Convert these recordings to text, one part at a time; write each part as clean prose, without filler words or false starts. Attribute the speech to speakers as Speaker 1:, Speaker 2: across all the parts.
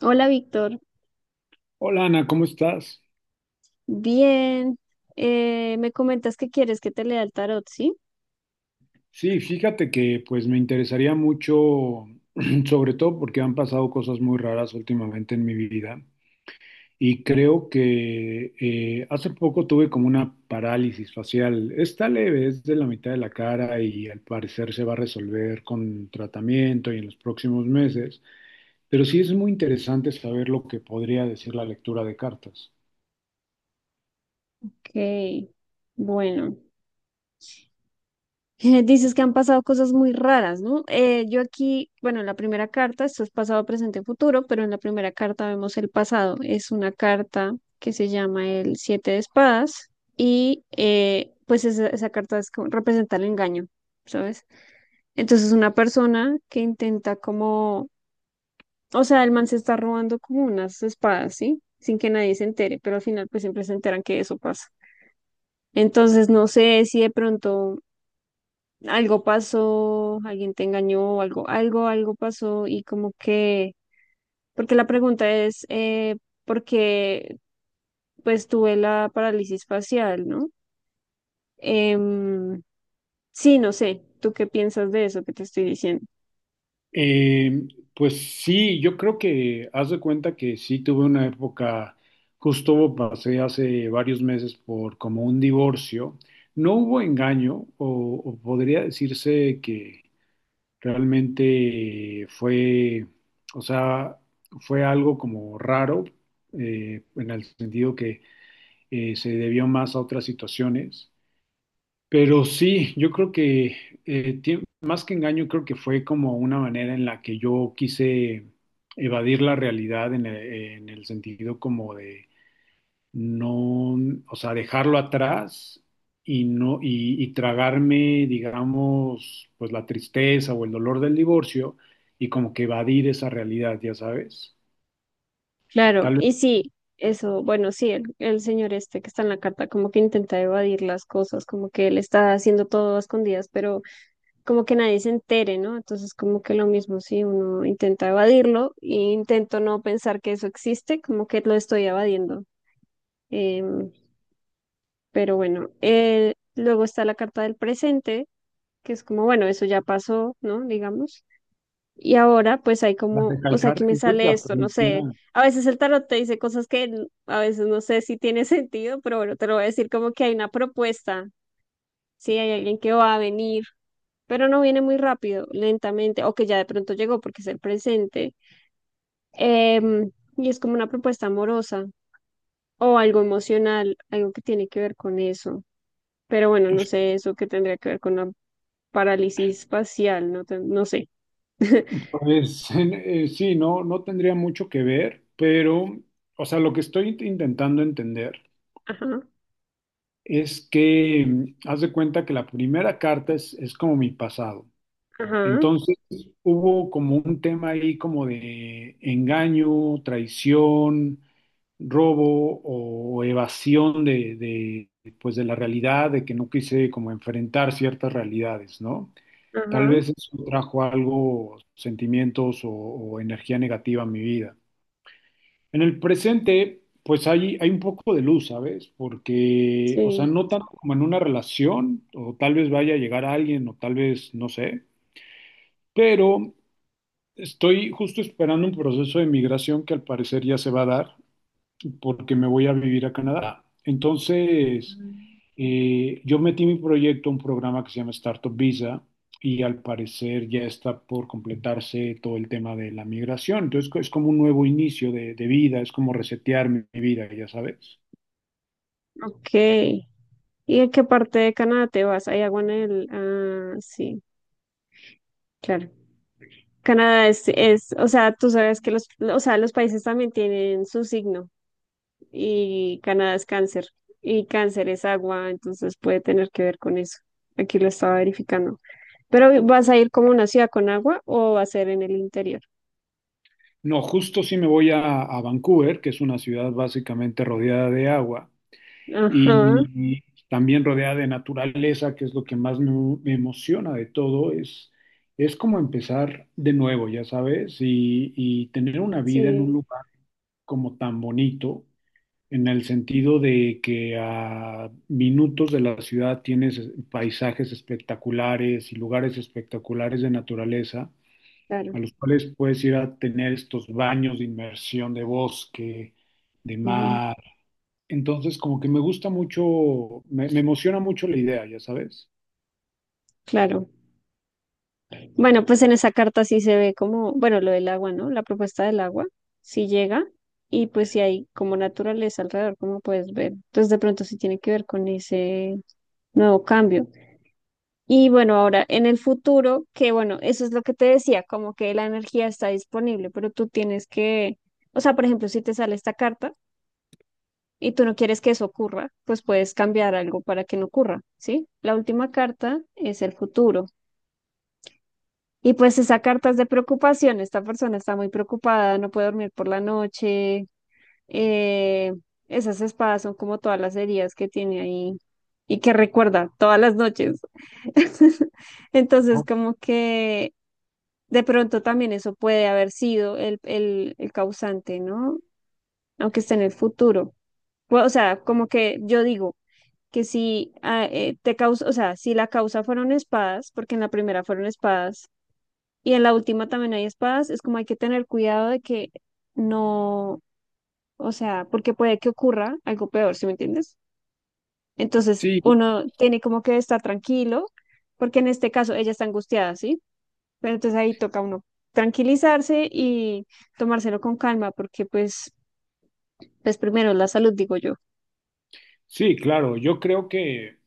Speaker 1: Hola, Víctor.
Speaker 2: Hola Ana, ¿cómo estás?
Speaker 1: Bien. Me comentas que quieres que te lea el tarot, ¿sí?
Speaker 2: Sí, fíjate que pues me interesaría mucho, sobre todo porque han pasado cosas muy raras últimamente en mi vida y creo que hace poco tuve como una parálisis facial. Está leve, es de la mitad de la cara y al parecer se va a resolver con tratamiento y en los próximos meses, pero sí es muy interesante saber lo que podría decir la lectura de cartas.
Speaker 1: Ok. Bueno. Dices que han pasado cosas muy raras, ¿no? Yo aquí, bueno, en la primera carta, esto es pasado, presente, futuro, pero en la primera carta vemos el pasado. Es una carta que se llama el Siete de Espadas y pues esa carta es como- representa el engaño, ¿sabes? Entonces una persona que intenta como... O sea, el man se está robando como unas espadas, ¿sí? Sin que nadie se entere, pero al final pues siempre se enteran que eso pasa. Entonces no sé si de pronto algo pasó, alguien te engañó, algo pasó y como que, porque la pregunta es, ¿por qué pues tuve la parálisis facial, ¿no? Em, sí, no sé, ¿tú qué piensas de eso que te estoy diciendo?
Speaker 2: Eh, pues sí, yo creo que haz de cuenta que sí tuve una época, justo pasé hace varios meses por como un divorcio. No hubo engaño, o podría decirse que realmente fue, o sea, fue algo como raro, en el sentido que se debió más a otras situaciones. Pero sí, yo creo que más que engaño, creo que fue como una manera en la que yo quise evadir la realidad en el sentido como de no, o sea, dejarlo atrás y no, y tragarme, digamos, pues la tristeza o el dolor del divorcio y como que evadir esa realidad, ya sabes.
Speaker 1: Claro,
Speaker 2: Tal vez
Speaker 1: y sí, eso, bueno, sí, el señor este que está en la carta como que intenta evadir las cosas, como que él está haciendo todo a escondidas, pero como que nadie se entere, ¿no? Entonces como que lo mismo si uno intenta evadirlo e intento no pensar que eso existe, como que lo estoy evadiendo. Em, pero bueno, luego está la carta del presente, que es como, bueno, eso ya pasó, ¿no? Digamos. Y ahora pues hay
Speaker 2: la
Speaker 1: como, o sea, aquí
Speaker 2: recalcar.
Speaker 1: me
Speaker 2: Entonces
Speaker 1: sale
Speaker 2: la
Speaker 1: esto, no
Speaker 2: primera
Speaker 1: sé, a veces el tarot te dice cosas que n- a veces no sé si tiene sentido, pero bueno, te lo voy a decir como que hay una propuesta, sí, hay alguien que va a venir, pero no viene muy rápido, lentamente, o que ya de pronto llegó porque es el presente, em, y es como una propuesta amorosa o algo emocional, algo que tiene que ver con eso, pero bueno, no sé eso que tendría que ver con la parálisis facial, no, te- no sé.
Speaker 2: pues sí, no tendría mucho que ver, pero, o sea, lo que intentando entender
Speaker 1: Ajá,
Speaker 2: es que mm, haz de cuenta que la primera carta es como mi pasado.
Speaker 1: ajá,
Speaker 2: Entonces, hubo como un tema ahí como de engaño, traición, robo o evasión de pues de la realidad, de que no quise como enfrentar ciertas realidades, ¿no? Tal
Speaker 1: ajá.
Speaker 2: vez eso trajo algo, sentimientos o energía negativa a mi vida. En el presente, pues hay un poco de luz, ¿sabes? Porque, o sea,
Speaker 1: Sí,
Speaker 2: no tanto como en una relación, o tal vez vaya a llegar a alguien, o tal vez, no sé, pero estoy justo esperando un proceso de migración que al parecer ya se va a dar porque me voy a vivir a Canadá. Entonces, yo metí mi proyecto a un programa que se llama Startup Visa y al parecer ya está por completarse todo el tema de la migración. Entonces, es como un nuevo inicio de vida, es como resetear mi vida, ya sabes.
Speaker 1: ok. ¿Y en qué parte de Canadá te vas? ¿Hay agua en el...? Ah, sí, claro. Canadá es, o sea, tú sabes que los, o sea, los países también tienen su signo y Canadá es cáncer y cáncer es agua, entonces puede tener que ver con eso. Aquí lo estaba verificando. Pero ¿vas a ir como una ciudad con agua o va a ser en el interior?
Speaker 2: No, justo si me voy a Vancouver, que es una ciudad básicamente rodeada de agua,
Speaker 1: Ajá,
Speaker 2: y también rodeada de naturaleza, que es lo que más me emociona de todo, es como empezar de nuevo, ya sabes, y tener una vida en un
Speaker 1: sí,
Speaker 2: lugar como tan bonito, en el sentido de que a minutos de la ciudad tienes paisajes espectaculares y lugares espectaculares de naturaleza
Speaker 1: claro.
Speaker 2: a los cuales puedes ir a tener estos baños de inmersión de bosque, de
Speaker 1: Ujú.
Speaker 2: mar. Entonces, como que me gusta mucho, me emociona mucho la idea, ya sabes.
Speaker 1: Claro. Bueno, pues en esa carta sí se ve como, bueno, lo del agua, ¿no? La propuesta del agua, sí llega y pues sí hay como naturaleza alrededor, como puedes ver. Entonces de pronto sí tiene que ver con ese nuevo cambio. Y bueno, ahora en el futuro, que bueno, eso es lo que te decía, como que la energía está disponible, pero tú tienes que, o sea, por ejemplo, si te sale esta carta y tú no quieres que eso ocurra, pues puedes cambiar algo para que no ocurra, ¿sí? La última carta es el futuro. Y pues esa carta es de preocupación, esta persona está muy preocupada, no puede dormir por la noche, eh, esas espadas son como todas las heridas que tiene ahí y que recuerda todas las noches. Entonces,
Speaker 2: ¿No?
Speaker 1: como que de pronto también eso puede haber sido el causante, ¿no? Aunque esté en el futuro. Pues, o sea, como que yo digo que si ah, te causa, o sea, si la causa fueron espadas, porque en la primera fueron espadas y en la última también hay espadas, es como hay que tener cuidado de que no, o sea, porque puede que ocurra algo peor, ¿sí me entiendes? Entonces
Speaker 2: Sí,
Speaker 1: uno tiene como que estar tranquilo, porque en este caso ella está angustiada, ¿sí? Pero entonces ahí toca uno tranquilizarse y tomárselo con calma, porque pues, pues primero la salud, digo yo.
Speaker 2: sí, claro. Yo creo que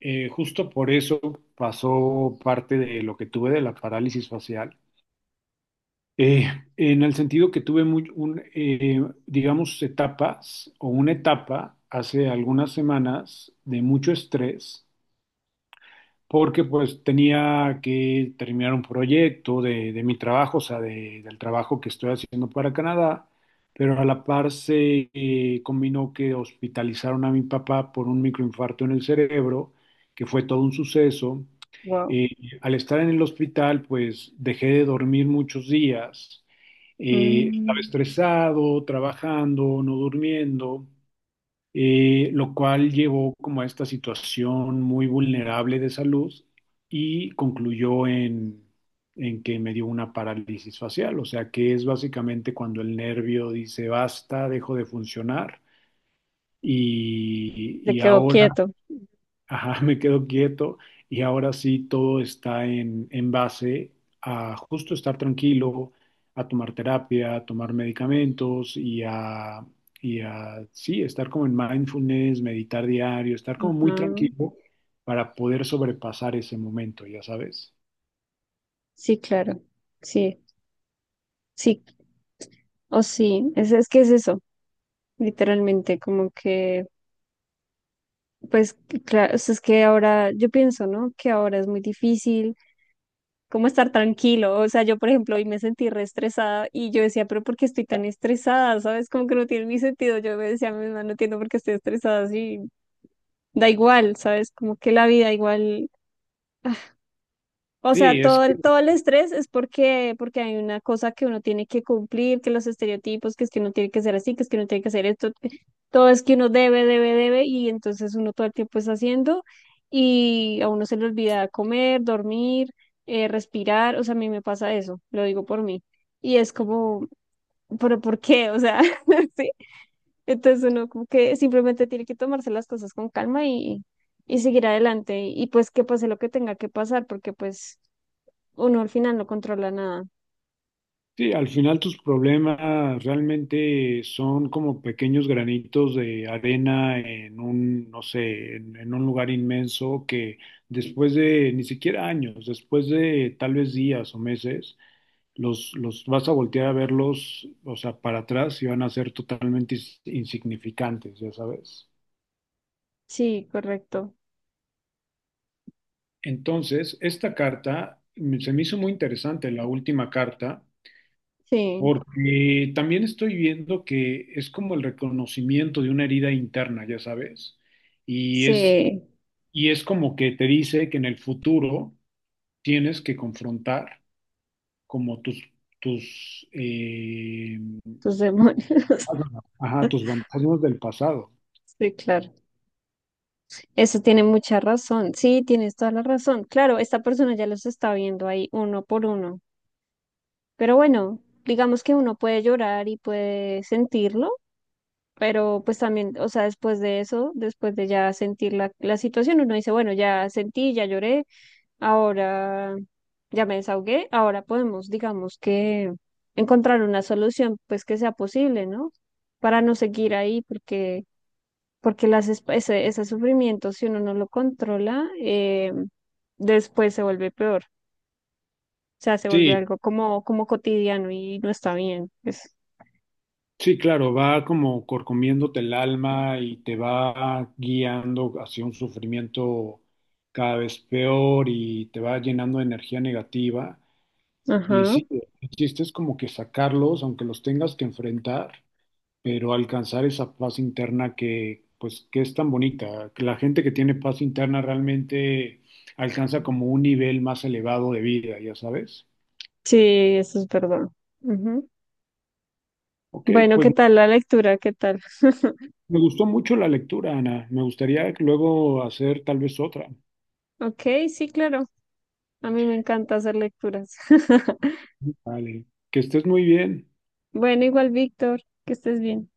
Speaker 2: justo por eso pasó parte de lo que tuve de la parálisis facial. Eh, en el sentido que digamos, etapas o una etapa hace algunas semanas de mucho estrés porque pues tenía que terminar un proyecto de mi trabajo, o sea, del trabajo que estoy haciendo para Canadá, pero a la par se combinó que hospitalizaron a mi papá por un microinfarto en el cerebro, que fue todo un suceso.
Speaker 1: Wow.
Speaker 2: Eh, Al estar en el hospital, pues dejé de dormir muchos días. Estaba
Speaker 1: Mm,
Speaker 2: estresado, trabajando, no durmiendo, lo cual llevó como a esta situación muy vulnerable de salud y concluyó en que me dio una parálisis facial, o sea que es básicamente cuando el nervio dice basta, dejo de funcionar
Speaker 1: se
Speaker 2: y
Speaker 1: quedó
Speaker 2: ahora
Speaker 1: quieto.
Speaker 2: ajá, me quedo quieto y ahora sí todo está en base a justo estar tranquilo, a tomar terapia, a tomar medicamentos y a sí, estar como en mindfulness, meditar diario, estar como muy
Speaker 1: Ajá.
Speaker 2: tranquilo para poder sobrepasar ese momento, ya sabes.
Speaker 1: Sí, claro. Sí, sí. O sí, es que es eso, literalmente, como que... Pues claro, o sea, es que ahora, yo pienso, ¿no? Que ahora es muy difícil como estar tranquilo. O sea, yo, por ejemplo, hoy me sentí re estresada y yo decía, pero ¿por qué estoy tan estresada? ¿Sabes? Como que no tiene ni sentido. Yo me decía a mi mamá, no entiendo por qué estoy estresada así. Da igual, ¿sabes? Como que la vida igual, o sea,
Speaker 2: Sí, es
Speaker 1: todo
Speaker 2: que
Speaker 1: el, todo el estrés es porque, porque hay una cosa que uno tiene que cumplir, que los estereotipos, que es que uno tiene que ser así, que es que uno tiene que hacer esto, que- todo es que uno debe, y entonces uno todo el tiempo está haciendo y a uno se le olvida comer, dormir, respirar, o sea, a mí me pasa eso, lo digo por mí, y es como, pero ¿por qué? O sea, sí, entonces uno como que simplemente tiene que tomarse las cosas con calma y seguir adelante y pues que pase lo que tenga que pasar, porque pues uno al final no controla nada.
Speaker 2: sí, al final tus problemas realmente son como pequeños granitos de arena en un, no sé, en un lugar inmenso que después de ni siquiera años, después de tal vez días o meses, los vas a voltear a verlos, o sea, para atrás y van a ser totalmente insignificantes, ya sabes.
Speaker 1: Sí, correcto.
Speaker 2: Entonces, esta carta mm, se me hizo muy interesante, la última carta
Speaker 1: Sí,
Speaker 2: porque también estoy viendo que es como el reconocimiento de una herida interna, ya sabes, y es,
Speaker 1: sí,
Speaker 2: y es como que te dice que en el futuro tienes que confrontar como tus, eh,
Speaker 1: tus demonios.
Speaker 2: ajá, tus fantasmas del pasado.
Speaker 1: Sí, claro. Eso tiene mucha razón. Sí, tienes toda la razón. Claro, esta persona ya los está viendo ahí uno por uno. Pero bueno, digamos que uno puede llorar y puede sentirlo, pero pues también, o sea, después de eso, después de ya sentir la, la situación, uno dice, bueno, ya sentí, ya lloré, ahora ya me desahogué, ahora podemos, digamos que encontrar una solución pues que sea posible, ¿no? Para no seguir ahí, porque, porque las, esp- ese sufrimiento, si uno no lo controla, después se vuelve peor. O sea, se vuelve
Speaker 2: Sí,
Speaker 1: algo como, como cotidiano y no está bien. Pues.
Speaker 2: sí, claro, va como corcomiéndote el alma y te va guiando hacia un sufrimiento cada vez peor y te va llenando de energía negativa. Y
Speaker 1: Ajá.
Speaker 2: sí, el chiste es como que sacarlos, aunque los tengas que enfrentar, pero alcanzar esa paz interna que, pues, que es tan bonita. Que la gente que tiene paz interna realmente alcanza como un nivel más elevado de vida, ya sabes.
Speaker 1: Sí, eso es verdad. Ujú.
Speaker 2: Ok,
Speaker 1: Bueno,
Speaker 2: pues
Speaker 1: ¿qué tal la lectura? ¿Qué tal?
Speaker 2: me gustó mucho la lectura, Ana. Me gustaría luego hacer tal vez otra.
Speaker 1: Ok, sí, claro. A mí me encanta hacer lecturas.
Speaker 2: Vale, que estés muy bien.
Speaker 1: Bueno, igual, Víctor, que estés bien.